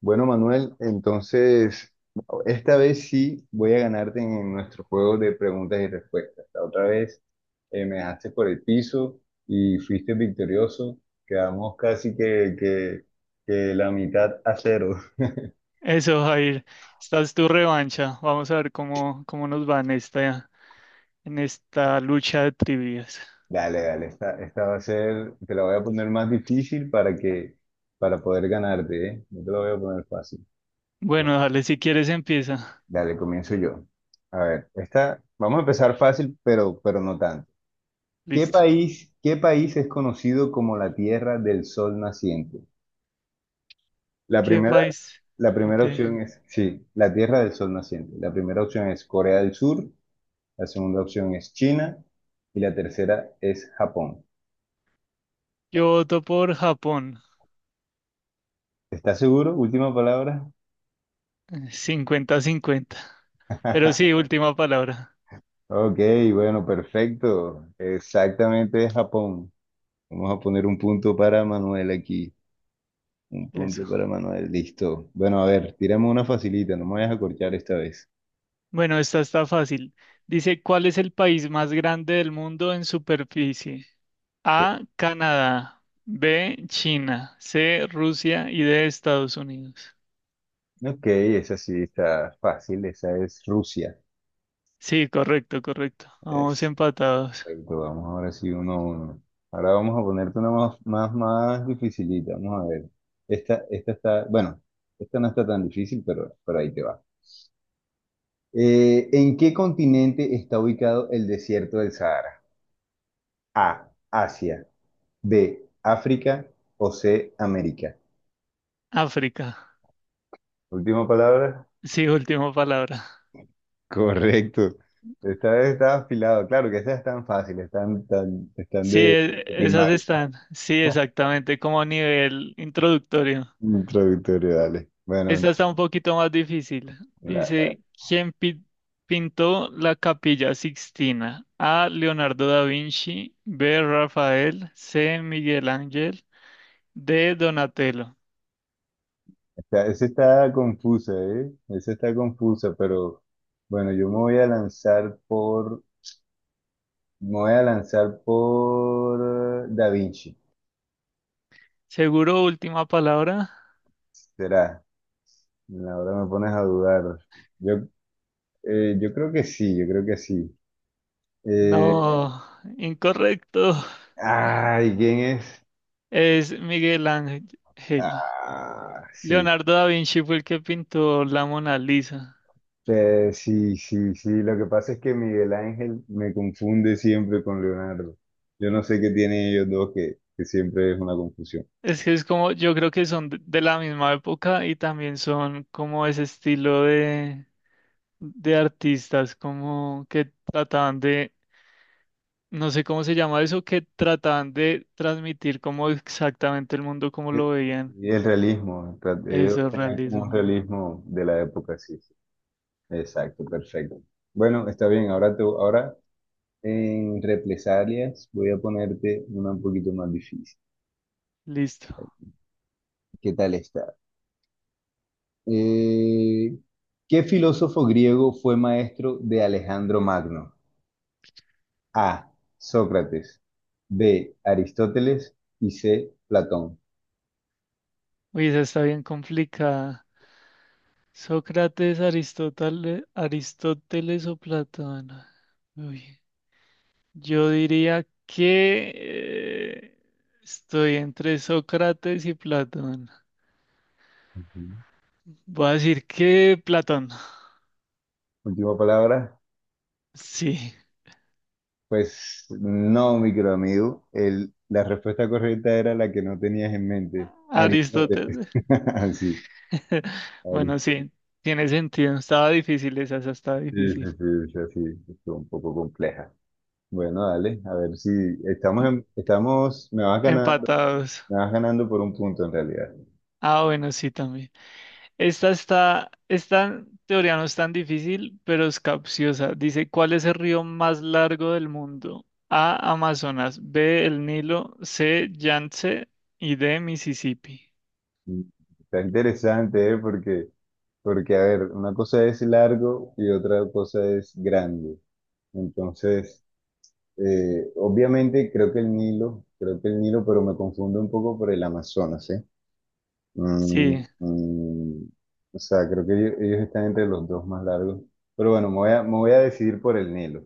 Bueno, Manuel, entonces esta vez sí voy a ganarte en nuestro juego de preguntas y respuestas. La otra vez me dejaste por el piso y fuiste victorioso. Quedamos casi que la mitad a cero. Eso, Jair, esta es tu revancha. Vamos a ver cómo nos va en esta lucha de trivias. Dale, dale, esta va a ser, te la voy a poner más difícil para poder ganarte, ¿eh? No te la voy a poner fácil. Bueno, dale, si quieres empieza. Dale, comienzo yo. A ver, esta, vamos a empezar fácil, pero no tanto. Listo. Qué país es conocido como la Tierra del Sol Naciente? La ¿Qué primera, país? la Ok. primera opción es, sí, la Tierra del Sol Naciente. La primera opción es Corea del Sur, la segunda opción es China y la tercera es Japón. Yo voto por Japón. ¿Estás seguro? Última palabra. Cincuenta 50. Pero sí, última palabra. Ok, bueno, perfecto. Exactamente es Japón. Vamos a poner un punto para Manuel aquí. Un Eso. punto para Manuel, listo. Bueno, a ver, tiramos una facilita, no me vayas a corchar esta vez. Bueno, esta está fácil. Dice, ¿cuál es el país más grande del mundo en superficie? A, Canadá. B, China. C, Rusia y D, Estados Unidos. Ok, esa sí está fácil, esa es Rusia. Sí, correcto, correcto. Vamos Es, empatados. perfecto, vamos ahora sí uno a uno. Ahora vamos a ponerte una más dificilita, vamos a ver. Esta está, bueno, esta no está tan difícil, pero ahí te va. ¿En qué continente está ubicado el desierto del Sahara? A, Asia, B, África o C, América. África. Última palabra. Sí, última palabra. Correcto. Esta vez está afilado, claro que esas están fáciles, están Sí, de esas primaria. están. Sí, exactamente, como nivel introductorio. Introductorio, dale. Bueno, Esta está un poquito más difícil. la, Dice, ¿quién pintó la Capilla Sixtina? A. Leonardo da Vinci. B. Rafael. C. Miguel Ángel. D. Donatello. Esa está confusa, ¿eh? Esa está confusa, pero bueno, yo me voy a lanzar por, me voy a lanzar por Da Vinci. ¿Seguro última palabra? Será. Ahora me pones a dudar. Yo, yo creo que sí, yo creo que sí. Eh, No, incorrecto. ay, ¿quién es? Es Miguel Ángel. Ah, sí. Leonardo da Vinci fue el que pintó la Mona Lisa. Sí, sí, sí. Lo que pasa es que Miguel Ángel me confunde siempre con Leonardo. Yo no sé qué tienen ellos dos que siempre es una confusión. Es que es como, yo creo que son de la misma época, y también son como ese estilo de artistas, como que trataban de, no sé cómo se llama eso, que trataban de transmitir como exactamente el mundo como El, lo veían. y el realismo, ellos Eso es tenían como un realismo. realismo de la época, sí, sí. Exacto, perfecto. Bueno, está bien. Ahora en represalias voy a ponerte una un poquito más difícil. Listo. ¿Qué tal está? Eh, ¿Qué filósofo griego fue maestro de Alejandro Magno? A. Sócrates. B. Aristóteles. Y C. Platón. Uy, esa está bien complicada. Sócrates, Aristóteles, Aristóteles o Platón. Uy. Yo diría que estoy entre Sócrates y Platón. Ujú. Voy a decir que Platón. Última palabra. Sí, Pues no, micro amigo. La respuesta correcta era la que no tenías en mente. Aristóteles. Aristóteles. Sí, Bueno, Aristóteles. sí, tiene sentido. Estaba difícil esa, esa estaba difícil. Sí, estuvo un poco compleja. Bueno, dale, a ver si estamos, Empatados. me vas ganando por un punto en realidad. Ah, bueno, sí, también. Esta está, esta teoría no es tan difícil, pero es capciosa. Dice, ¿cuál es el río más largo del mundo? A, Amazonas; B, el Nilo; C, Yangtze; y D, Mississippi. Mm, Está interesante, ¿eh? Porque, a ver, una cosa es largo y otra cosa es grande. Entonces, obviamente creo que el Nilo, creo que el Nilo, pero me confundo un poco por el Amazonas, ¿eh? Mm, Sí, mm, o sea, creo que ellos están entre los dos más largos. Pero bueno, me voy a decidir por el Nilo.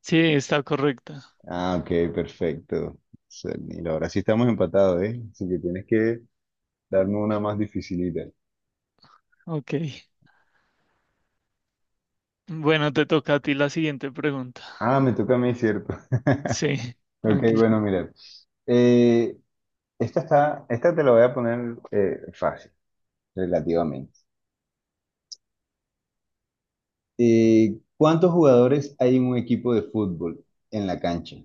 sí, está correcta. Ah, ok, perfecto. O sea, el Nilo. Ahora sí estamos empatados, ¿eh? Así que tienes que darme una más dificilita. Ok. Bueno, te toca a ti la siguiente pregunta. Ah, me toca a mí, ¿cierto? Sí, Ok, tranquila. bueno, mira. eh, esta está, esta te la voy a poner fácil, relativamente. ¿Cuántos jugadores hay en un equipo de fútbol en la cancha?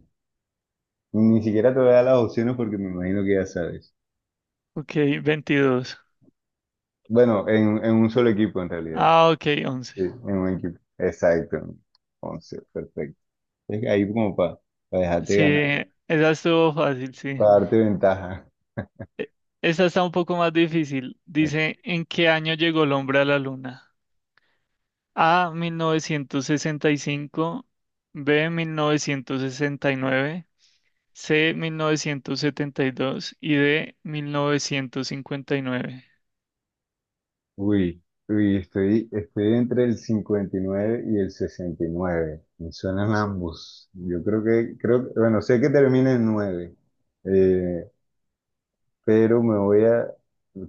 Ni siquiera te voy a dar las opciones porque me imagino que ya sabes. Ok, veintidós. Bueno, en un solo equipo en realidad. Ah, ok, 11. Sí, en un equipo. Exacto. 11, perfecto. Es que ahí como para dejarte Sí, ganar, esa estuvo fácil, sí. para darte ventaja. E- Esa está un poco más difícil. Dice, ¿en qué año llegó el hombre a la luna? A, mil novecientos sesenta y cinco; B, mil novecientos sesenta y nueve; C, mil novecientos setenta y dos; y D, 1959. Uy, estoy, estoy entre el 59 y el 69. Me suenan ambos. Yo creo que, creo, bueno, sé que termina en 9, eh, pero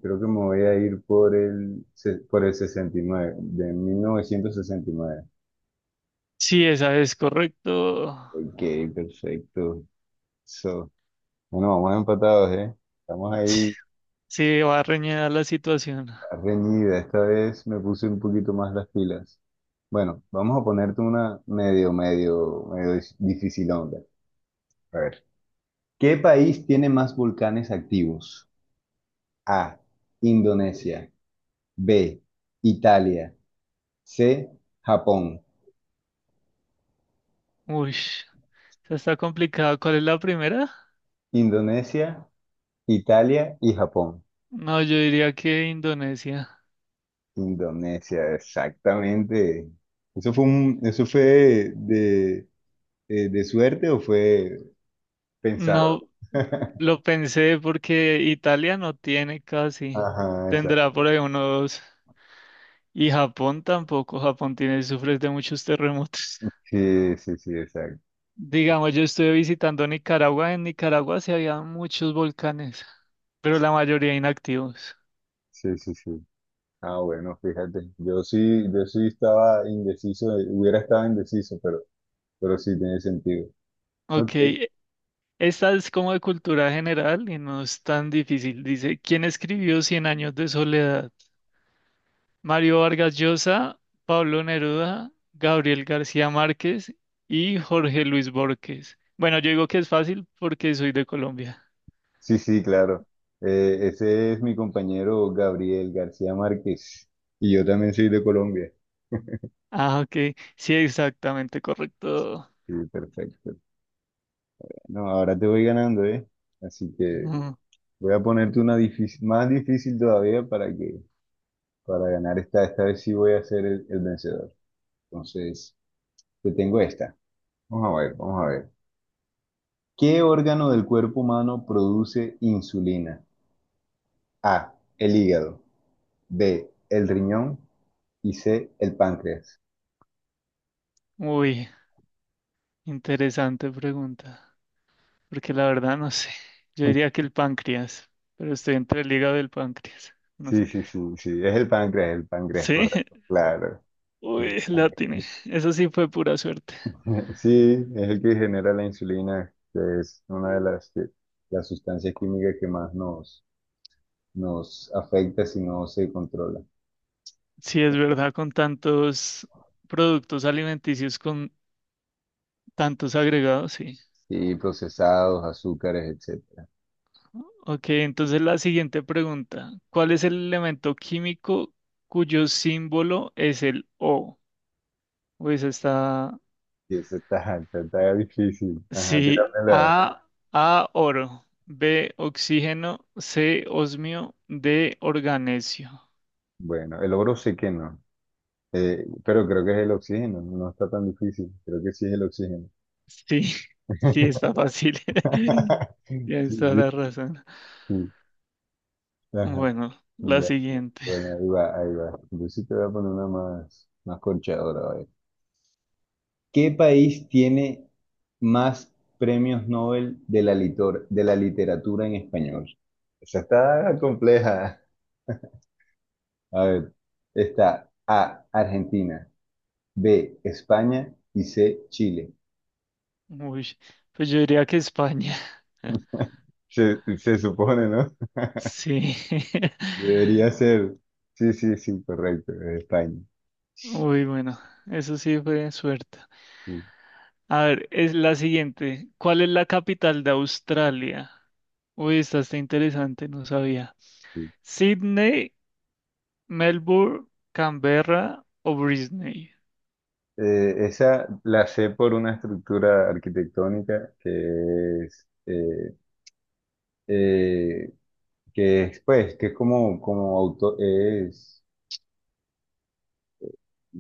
creo que me voy a ir por por el 69, de 1969. Sí, esa es correcto. Ok, perfecto. So, bueno, vamos empatados, ¿eh? Estamos ahí. Sí, va a reñir la situación. Reñida, esta vez me puse un poquito más las pilas. Bueno, vamos a ponerte una difícil onda. A ver. ¿Qué país tiene más volcanes activos? A. Indonesia. B. Italia. C. Japón. Uy, esa está complicado. ¿Cuál es la primera? Indonesia, Italia y Japón. No, yo diría que Indonesia. Indonesia, exactamente. Eso fue de suerte o fue pensado? No, lo pensé porque Italia no tiene casi. Ajá, Tendrá por ahí unos. Y Japón tampoco. Japón tiene, sufre de muchos terremotos. sí, sí, sí, exacto. Digamos, yo estuve visitando Nicaragua. En Nicaragua sí había muchos volcanes, pero la mayoría inactivos. Sí, sí, sí. Ah, bueno, fíjate. Yo sí estaba indeciso, hubiera estado indeciso, pero sí tiene sentido. Ok. Ok, esta es como de cultura general y no es tan difícil. Dice, ¿quién escribió Cien años de soledad? Mario Vargas Llosa, Pablo Neruda, Gabriel García Márquez y Jorge Luis Borges. Bueno, yo digo que es fácil porque soy de Colombia. Sí, sí, claro. Ese es mi compañero Gabriel García Márquez. Y yo también soy de Colombia. Ah, ok, sí, exactamente correcto. Sí, perfecto. No, ahora te voy ganando, ¿eh? Así que Ujú. voy a ponerte una difícil, más difícil todavía para ganar esta. Esta vez sí voy a ser el vencedor. Entonces, te tengo esta. Vamos a ver, vamos a ver. ¿Qué órgano del cuerpo humano produce insulina? A, el hígado, B, el riñón y C, el páncreas. Uy, interesante pregunta, porque la verdad no sé. Yo diría que el páncreas, pero estoy entre el hígado y el páncreas. No sé. Sí, es el páncreas, ¿Sí? correcto. Claro. Sí, Uy, la tiene. páncreas. Eso sí fue pura suerte. Sí, es el que genera la insulina, que es una las sustancias químicas que más nos afecta si no se controla. Sí, es verdad, con tantos productos alimenticios, con tantos agregados, sí. Sí, procesados, azúcares, etcétera. Ok, entonces la siguiente pregunta. ¿Cuál es el elemento químico cuyo símbolo es el O? Pues está. Sí, eso está, está, está difícil. Ajá, Sí, tíramela. A, oro; B, oxígeno; C, osmio; D, organesio. Bueno, el oro sé que no. Pero creo que es el oxígeno, no está tan difícil. Creo que sí es el oxígeno. Sí, sí, está fácil. Sí, Tienes toda sí, la razón. sí. Ajá. Bueno, la Ya, siguiente. bueno, ahí va, ahí va. Yo sí te voy a poner una más corchadora. Vaya. ¿Qué país tiene más premios Nobel de de la literatura en español? Esa está compleja. A ver, está A, Argentina, B, España y C, Chile. Uy, pues yo diría que España. Se supone, ¿no? Sí. Debería ser, sí, sí, sí, correcto, de España. Uy, bueno, eso sí fue suerte. Sí, A ver, es la siguiente. ¿Cuál es la capital de Australia? Uy, esta está interesante, no sabía. sí. Sydney, Melbourne, Canberra o Brisbane. Esa la sé por una estructura arquitectónica eh, que es, pues, que es como, como auto, es,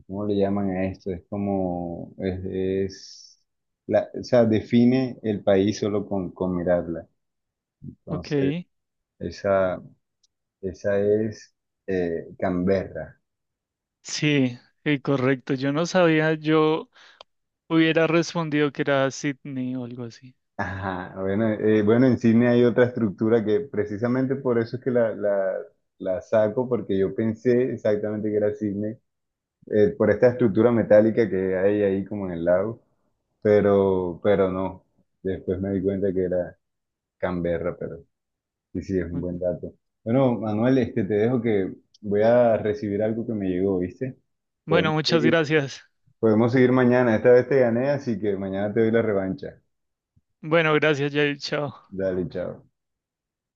¿cómo le llaman a esto? Es como, es la, o sea, define el país solo con mirarla. Entonces, Ok. esa, esa es Canberra. Sí, correcto. Yo no sabía, yo hubiera respondido que era Sydney o algo así. Ajá, bueno, bueno, en cine hay otra estructura que precisamente por eso es que la saco, porque yo pensé exactamente que era cine, por esta estructura metálica que hay ahí como en el lago, pero no, después me di cuenta que era Canberra, pero sí, sí, es un buen dato. Bueno, Manuel, este, te dejo que voy a recibir algo que me llegó, ¿viste? Bueno, Podemos muchas seguir, gracias. podemos seguir mañana, esta vez te gané, así que mañana te doy la revancha. Bueno, gracias, Jair. Chao. Dale, chao.